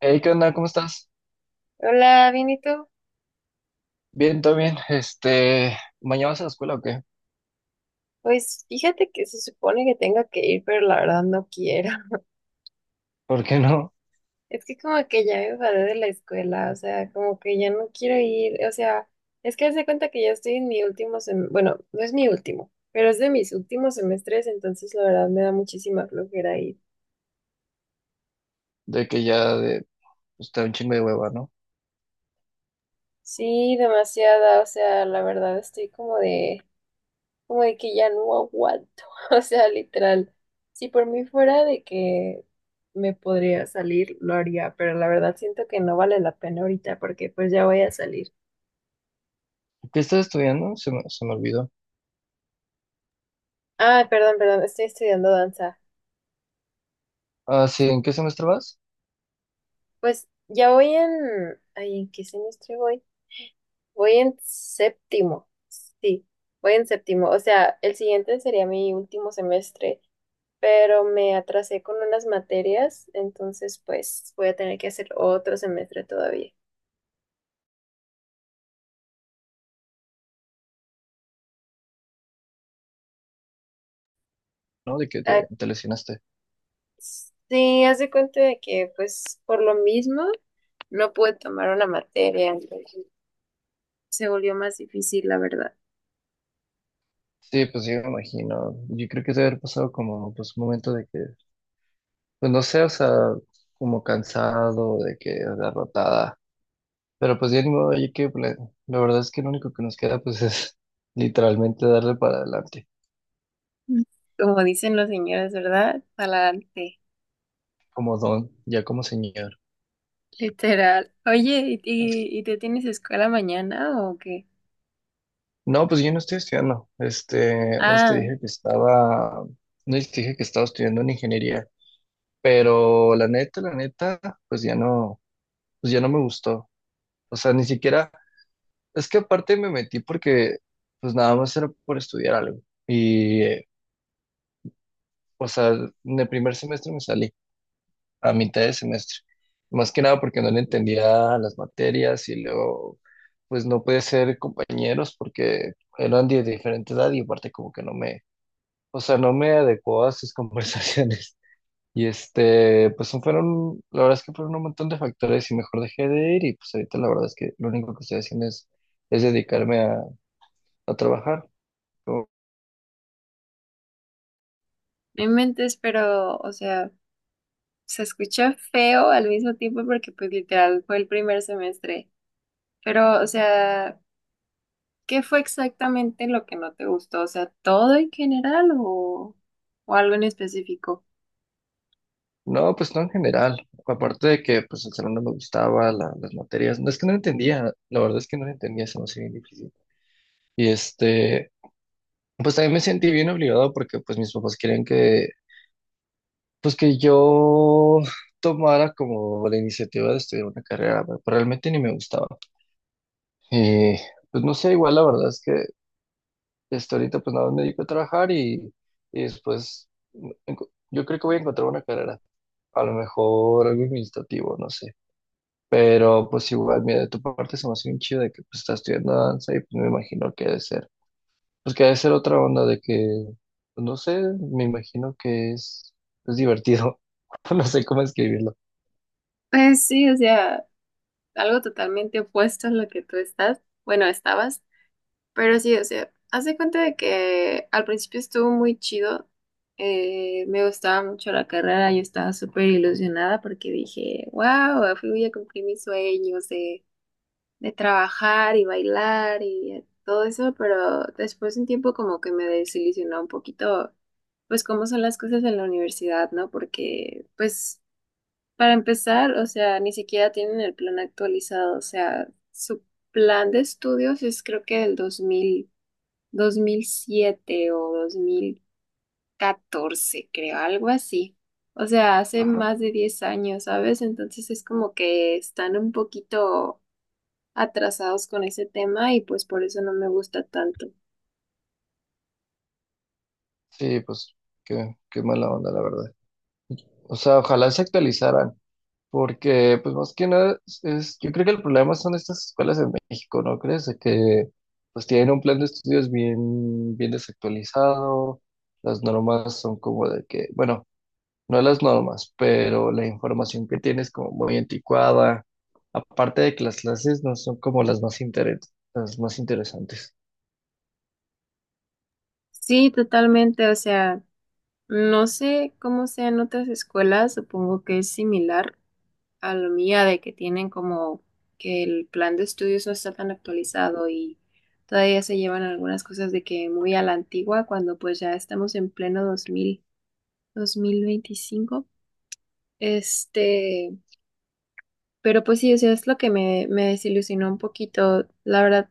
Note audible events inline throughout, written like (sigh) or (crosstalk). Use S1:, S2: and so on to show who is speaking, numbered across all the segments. S1: Hey, ¿qué onda? ¿Cómo estás?
S2: Hola, bien, ¿y tú?
S1: Bien, todo bien. ¿Mañana vas a la escuela o qué?
S2: Pues fíjate que se supone que tenga que ir, pero la verdad no quiero. (laughs)
S1: (laughs) ¿Por qué no?
S2: Es que como que ya me enfadé de la escuela, o sea, como que ya no quiero ir, o sea, es que haz de cuenta que ya estoy en mi último semestre, bueno, no es mi último, pero es de mis últimos semestres, entonces la verdad me da muchísima flojera ir.
S1: De que ya de, está un chingo de hueva, ¿no?
S2: Sí, demasiada, o sea, la verdad estoy como de que ya no aguanto. (laughs) O sea, literal, si por mí fuera de que me podría salir, lo haría, pero la verdad siento que no vale la pena ahorita porque pues ya voy a salir.
S1: ¿Qué estás estudiando? Se me olvidó.
S2: Ah, perdón, perdón, estoy estudiando danza.
S1: Ah, sí, ¿en qué semestre vas?
S2: Pues ya voy en, ay, ¿en qué semestre voy? Voy en séptimo. Sí, voy en séptimo. O sea, el siguiente sería mi último semestre, pero me atrasé con unas materias, entonces pues voy a tener que hacer otro semestre todavía.
S1: ¿No?
S2: Ah.
S1: Te lesionaste.
S2: Sí, haz de cuenta de que, pues, por lo mismo, no pude tomar una materia, entonces se volvió más difícil, la verdad.
S1: Sí, pues sí, me imagino. Yo creo que debe haber pasado como, pues, un momento de que, pues, no sé, o sea, como cansado, de que derrotada. Pero pues ya ni modo, la verdad es que lo único que nos queda, pues, (laughs) es literalmente darle para adelante,
S2: Mm. Como dicen los señores, ¿verdad? Adelante,
S1: como don, ya como señor.
S2: literal. Oye, ¿y tú tienes escuela mañana o qué?
S1: No, pues yo no estoy estudiando.
S2: Ah,
S1: No sé si te dije que estaba estudiando en ingeniería, pero la neta, pues ya no, pues ya no me gustó. O sea, ni siquiera, es que aparte me metí porque pues nada más era por estudiar algo. Y, eh, o sea, en el primer semestre me salí, a mitad de semestre. Más que nada porque no le entendía las materias y luego pues no pude ser compañeros porque eran de diferente edad y aparte como que no me, o sea, no me adecuó a sus (laughs) conversaciones. Y pues fueron, la verdad es que fueron un montón de factores y mejor dejé de ir, y pues ahorita la verdad es que lo único que estoy haciendo es dedicarme a trabajar. Como...
S2: no inventes, pero, o sea, se escucha feo al mismo tiempo porque, pues, literal, fue el primer semestre. Pero, o sea, ¿qué fue exactamente lo que no te gustó? O sea, todo en general o algo en específico.
S1: No, pues no en general. Aparte de que pues el salón no me gustaba, las materias, no es que no entendía, la verdad es que no entendía, se me hacía bien difícil. Y pues también me sentí bien obligado porque pues mis papás querían que, pues que yo tomara como la iniciativa de estudiar una carrera, pero realmente ni me gustaba. Y pues no sé, igual la verdad es que hasta ahorita pues nada más me dedico a trabajar y después yo creo que voy a encontrar una carrera, a lo mejor algo administrativo, no sé. Pero pues igual, mira, de tu parte se me hace bien chido de que pues estás estudiando danza, y pues me imagino que debe ser, pues que debe ser otra onda de que, pues, no sé, me imagino que es divertido, (laughs) no sé cómo escribirlo.
S2: Pues sí, o sea, algo totalmente opuesto a lo que tú estás. Bueno, estabas, pero sí, o sea, haz de cuenta de que al principio estuvo muy chido. Me gustaba mucho la carrera, yo estaba súper ilusionada porque dije, wow, fui a cumplir mis sueños, de trabajar y bailar y todo eso, pero después de un tiempo como que me desilusionó un poquito, pues cómo son las cosas en la universidad, ¿no? Porque, pues, para empezar, o sea, ni siquiera tienen el plan actualizado, o sea, su plan de estudios es creo que del dos mil siete o 2014 creo, algo así. O sea, hace más de 10 años, ¿sabes? Entonces es como que están un poquito atrasados con ese tema y pues por eso no me gusta tanto.
S1: Sí, pues qué, qué mala onda, la verdad. O sea, ojalá se actualizaran, porque pues más que nada, es, yo creo que el problema son estas escuelas en México, ¿no crees? De que pues tienen un plan de estudios bien, bien desactualizado, las normas son como de que, bueno, no las normas, pero la información que tienes como muy anticuada, aparte de que las clases no son como las más las más interesantes.
S2: Sí, totalmente, o sea, no sé cómo sean otras escuelas, supongo que es similar a la mía de que tienen como que el plan de estudios no está tan actualizado y todavía se llevan algunas cosas de que muy a la antigua cuando pues ya estamos en pleno dos mil veinticinco. Este, pero pues sí, o sea, es lo que me desilusionó un poquito, la verdad,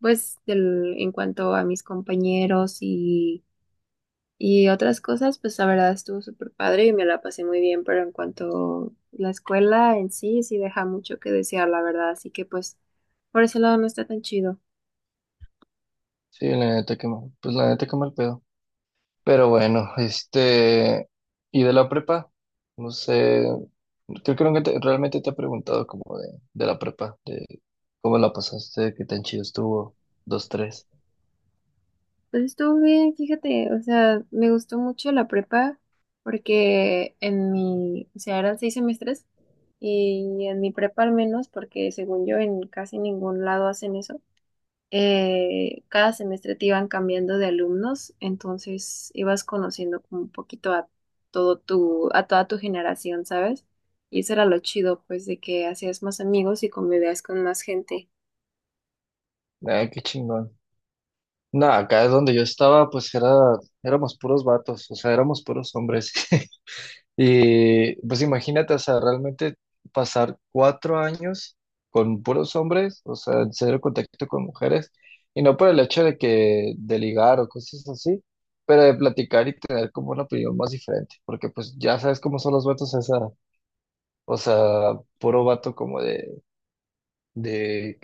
S2: pues en cuanto a mis compañeros y otras cosas, pues la verdad estuvo súper padre y me la pasé muy bien, pero en cuanto a la escuela en sí, sí deja mucho que desear, la verdad, así que pues por ese lado no está tan chido.
S1: Sí, la neta que mal, pues la neta que mal pedo. Pero bueno, y de la prepa, no sé, creo que nunca realmente te he preguntado como de la prepa, de cómo la pasaste, qué tan chido estuvo, dos, tres.
S2: Pues estuvo bien, fíjate, o sea, me gustó mucho la prepa porque o sea, eran 6 semestres. Y en mi prepa al menos, porque según yo en casi ningún lado hacen eso, cada semestre te iban cambiando de alumnos, entonces ibas conociendo como un poquito a a toda tu generación, ¿sabes? Y eso era lo chido, pues, de que hacías más amigos y convivías con más gente.
S1: Ah, qué chingón. Nada, acá es donde yo estaba, pues era, éramos puros vatos, o sea, éramos puros hombres. (laughs) Y pues imagínate, o sea, realmente pasar 4 años con puros hombres, o sea, en cero contacto con mujeres, y no por el hecho de que de ligar o cosas así, pero de platicar y tener como una opinión más diferente, porque pues ya sabes cómo son los vatos a esa edad. O sea, puro vato como de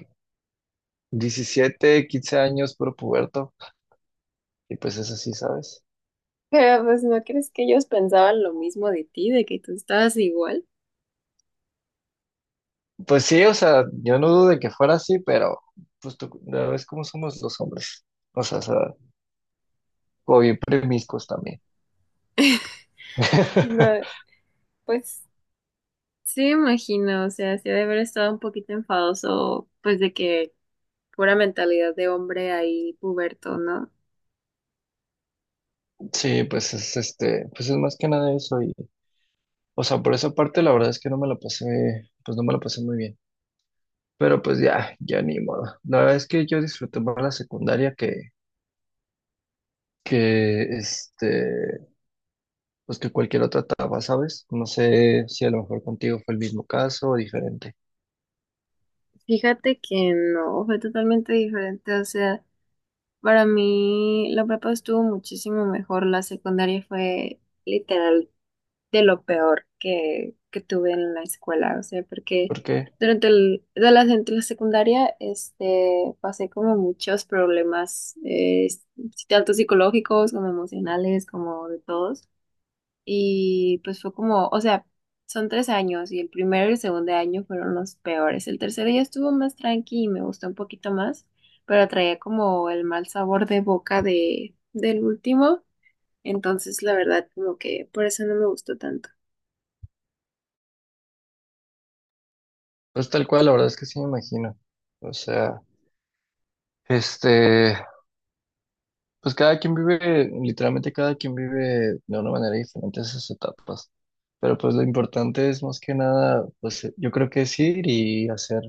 S1: 17 15 años, puro puberto, y pues es así, ¿sabes?
S2: (laughs) Pero pues no crees que ellos pensaban lo mismo de ti, de que tú estabas igual.
S1: Pues sí, o sea, yo no dudo de que fuera así, pero pues tú, ya ves cómo somos los hombres. O sea, o bien premiscos también.
S2: No,
S1: (laughs)
S2: pues sí me imagino, o sea, sí ha de haber estado un poquito enfadoso, pues de que pura mentalidad de hombre ahí puberto, ¿no?
S1: Sí, pues es pues es más que nada eso y, o sea, por esa parte la verdad es que no me la pasé, pues no me la pasé muy bien. Pero pues ya, ya ni modo. La verdad es que yo disfruté más la secundaria que, que este, pues que cualquier otra etapa, ¿sabes? No sé si a lo mejor contigo fue el mismo caso o diferente.
S2: Fíjate que no, fue totalmente diferente, o sea, para mí la prepa estuvo muchísimo mejor, la secundaria fue literal de lo peor que tuve en la escuela, o sea, porque
S1: Porque,
S2: durante la secundaria, pasé como muchos problemas, tanto psicológicos como emocionales, como de todos. Y pues fue como, o sea, son 3 años y el primero y el segundo año fueron los peores. El tercero ya estuvo más tranqui y me gustó un poquito más, pero traía como el mal sabor de boca del último. Entonces, la verdad, como que por eso no me gustó tanto.
S1: pues tal cual, la verdad es que sí me imagino. O sea, este, Pues cada quien vive, literalmente cada quien vive de una manera diferente esas etapas. Pero pues lo importante es más que nada, pues yo creo que es ir y hacer,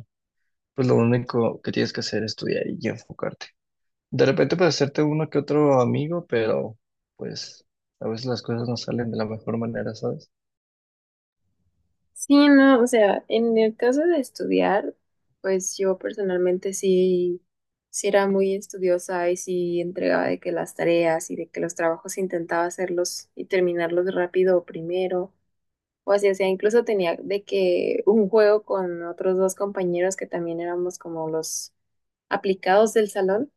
S1: pues lo único que tienes que hacer es estudiar y enfocarte. De repente puedes hacerte uno que otro amigo, pero pues a veces las cosas no salen de la mejor manera, ¿sabes?
S2: Sí, no, o sea, en el caso de estudiar, pues yo personalmente sí, sí era muy estudiosa y sí entregaba de que las tareas y de que los trabajos intentaba hacerlos y terminarlos rápido primero. O así, o sea, incluso tenía de que un juego con otros dos compañeros que también éramos como los aplicados del salón,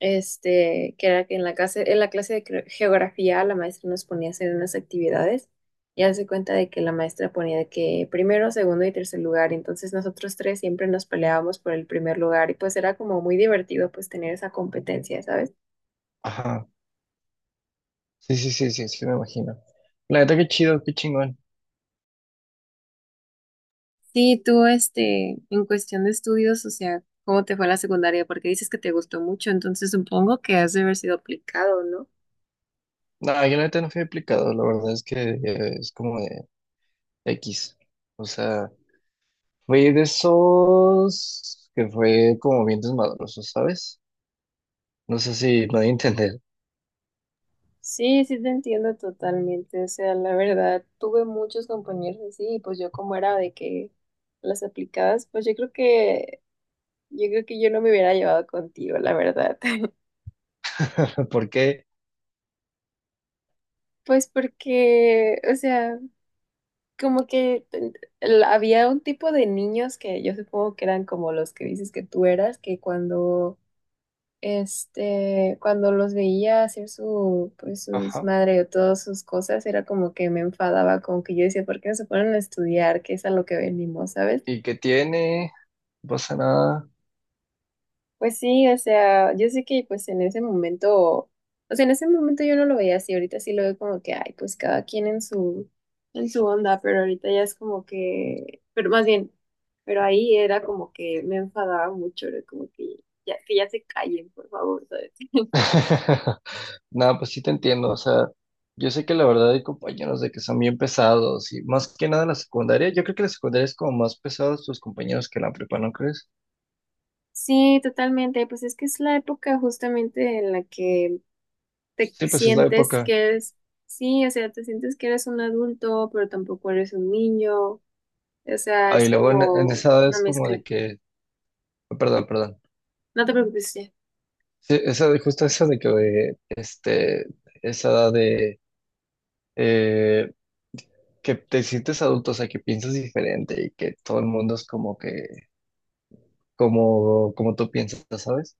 S2: que era que en la clase de geografía la maestra nos ponía a hacer unas actividades y hace cuenta de que la maestra ponía de que primero, segundo y tercer lugar, entonces nosotros tres siempre nos peleábamos por el primer lugar y pues era como muy divertido pues tener esa competencia, ¿sabes?
S1: Ajá. Sí, sí, sí, sí, sí, me imagino. La neta, qué chido, qué chingón.
S2: Sí, tú, en cuestión de estudios, o sea, ¿cómo te fue la secundaria? Porque dices que te gustó mucho, entonces supongo que has de haber sido aplicado, ¿no?
S1: No, yo la neta no fui aplicado, la verdad es que es como de X. O sea... Fue de esos que fue como bien desmadroso, ¿sabes? No sé si me voy a entender.
S2: Sí, sí te entiendo totalmente. O sea, la verdad, tuve muchos compañeros así, y pues yo como era de que las aplicadas, pues yo creo que yo no me hubiera llevado contigo, la verdad. (laughs)
S1: (laughs) ¿Por qué?
S2: Pues porque, o sea, como que había un tipo de niños que yo supongo que eran como los que dices que tú eras, que cuando los veía hacer su, pues, su
S1: Ajá.
S2: desmadre o todas sus cosas, era como que me enfadaba, como que yo decía, ¿por qué no se ponen a estudiar? ¿Qué es a lo que venimos, sabes?
S1: ¿Y qué tiene? No pasa nada.
S2: Pues sí, o sea, yo sé que pues en ese momento, o sea, en ese momento yo no lo veía así, ahorita sí lo veo como que, ay, pues cada quien en su onda, pero ahorita ya es como que, pero más bien, pero ahí era como que me enfadaba mucho, era como que ya se callen, por favor, ¿sabes?
S1: (laughs) Nada, pues sí te entiendo. O sea, yo sé que la verdad hay compañeros de que son bien pesados y más que nada la secundaria. Yo creo que la secundaria es como más pesados tus compañeros que la prepa, ¿no crees?
S2: Sí, totalmente. Pues es que es la época justamente en la que te
S1: Sí, pues es la
S2: sientes
S1: época.
S2: que eres, sí, o sea, te sientes que eres un adulto, pero tampoco eres un niño. O sea,
S1: Ah, y
S2: es
S1: luego en
S2: como
S1: esa edad
S2: una
S1: es como de
S2: mezcla.
S1: que, perdón, perdón.
S2: No te preocupes, ya.
S1: Sí, esa, justo eso de que, eh, este, esa edad de, eh, que te sientes adulto, o sea, que piensas diferente y que todo el mundo es como que, como, como tú piensas, ¿sabes?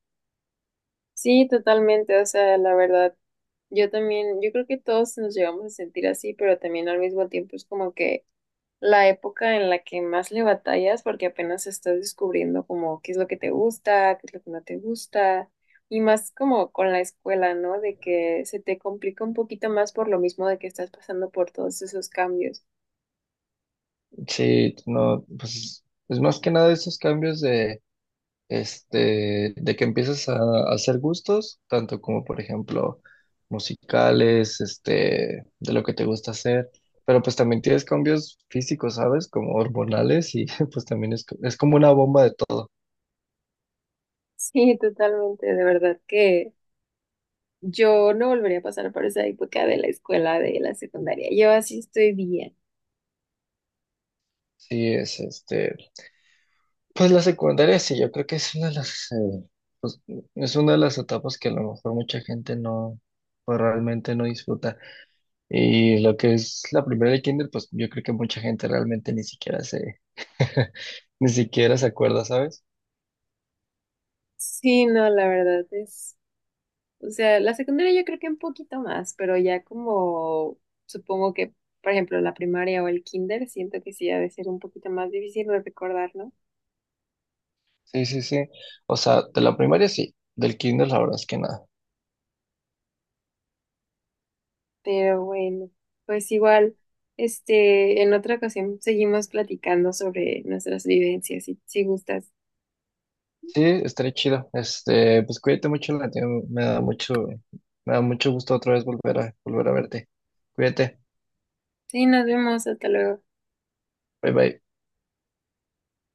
S2: Sí, totalmente. O sea, la verdad, yo también, yo creo que todos nos llegamos a sentir así, pero también al mismo tiempo es como que la época en la que más le batallas porque apenas estás descubriendo como qué es lo que te gusta, qué es lo que no te gusta y más como con la escuela, ¿no? De que se te complica un poquito más por lo mismo de que estás pasando por todos esos cambios. (laughs)
S1: Sí, no, pues es más que nada esos cambios de, de que empiezas a hacer gustos, tanto como, por ejemplo, musicales, de lo que te gusta hacer. Pero pues también tienes cambios físicos, ¿sabes? Como hormonales. Y (laughs) pues también es, es como una bomba de todo.
S2: Sí, totalmente, de verdad que yo no volvería a pasar por esa época de la escuela, de la secundaria. Yo así estoy bien.
S1: Sí, es Pues la secundaria sí, yo creo que es una de las, pues, es una de las etapas que a lo mejor mucha gente no, pues, realmente no disfruta. Y lo que es la primera de kinder, pues yo creo que mucha gente realmente ni siquiera se, (laughs) ni siquiera se acuerda, ¿sabes?
S2: Sí, no, la verdad es o sea, la secundaria yo creo que un poquito más, pero ya como supongo que, por ejemplo, la primaria o el kinder, siento que sí ha de ser un poquito más difícil de recordar, ¿no?
S1: Sí, sí, sí. O sea, de la primaria sí, del kinder la verdad es que nada.
S2: Pero bueno, pues igual, en otra ocasión seguimos platicando sobre nuestras vivencias, si gustas.
S1: Sí, estaré chido. Pues cuídate mucho, Latino. Me da mucho gusto otra vez volver a, volver a verte. Cuídate.
S2: Sí, nos vemos, hasta luego.
S1: Bye bye.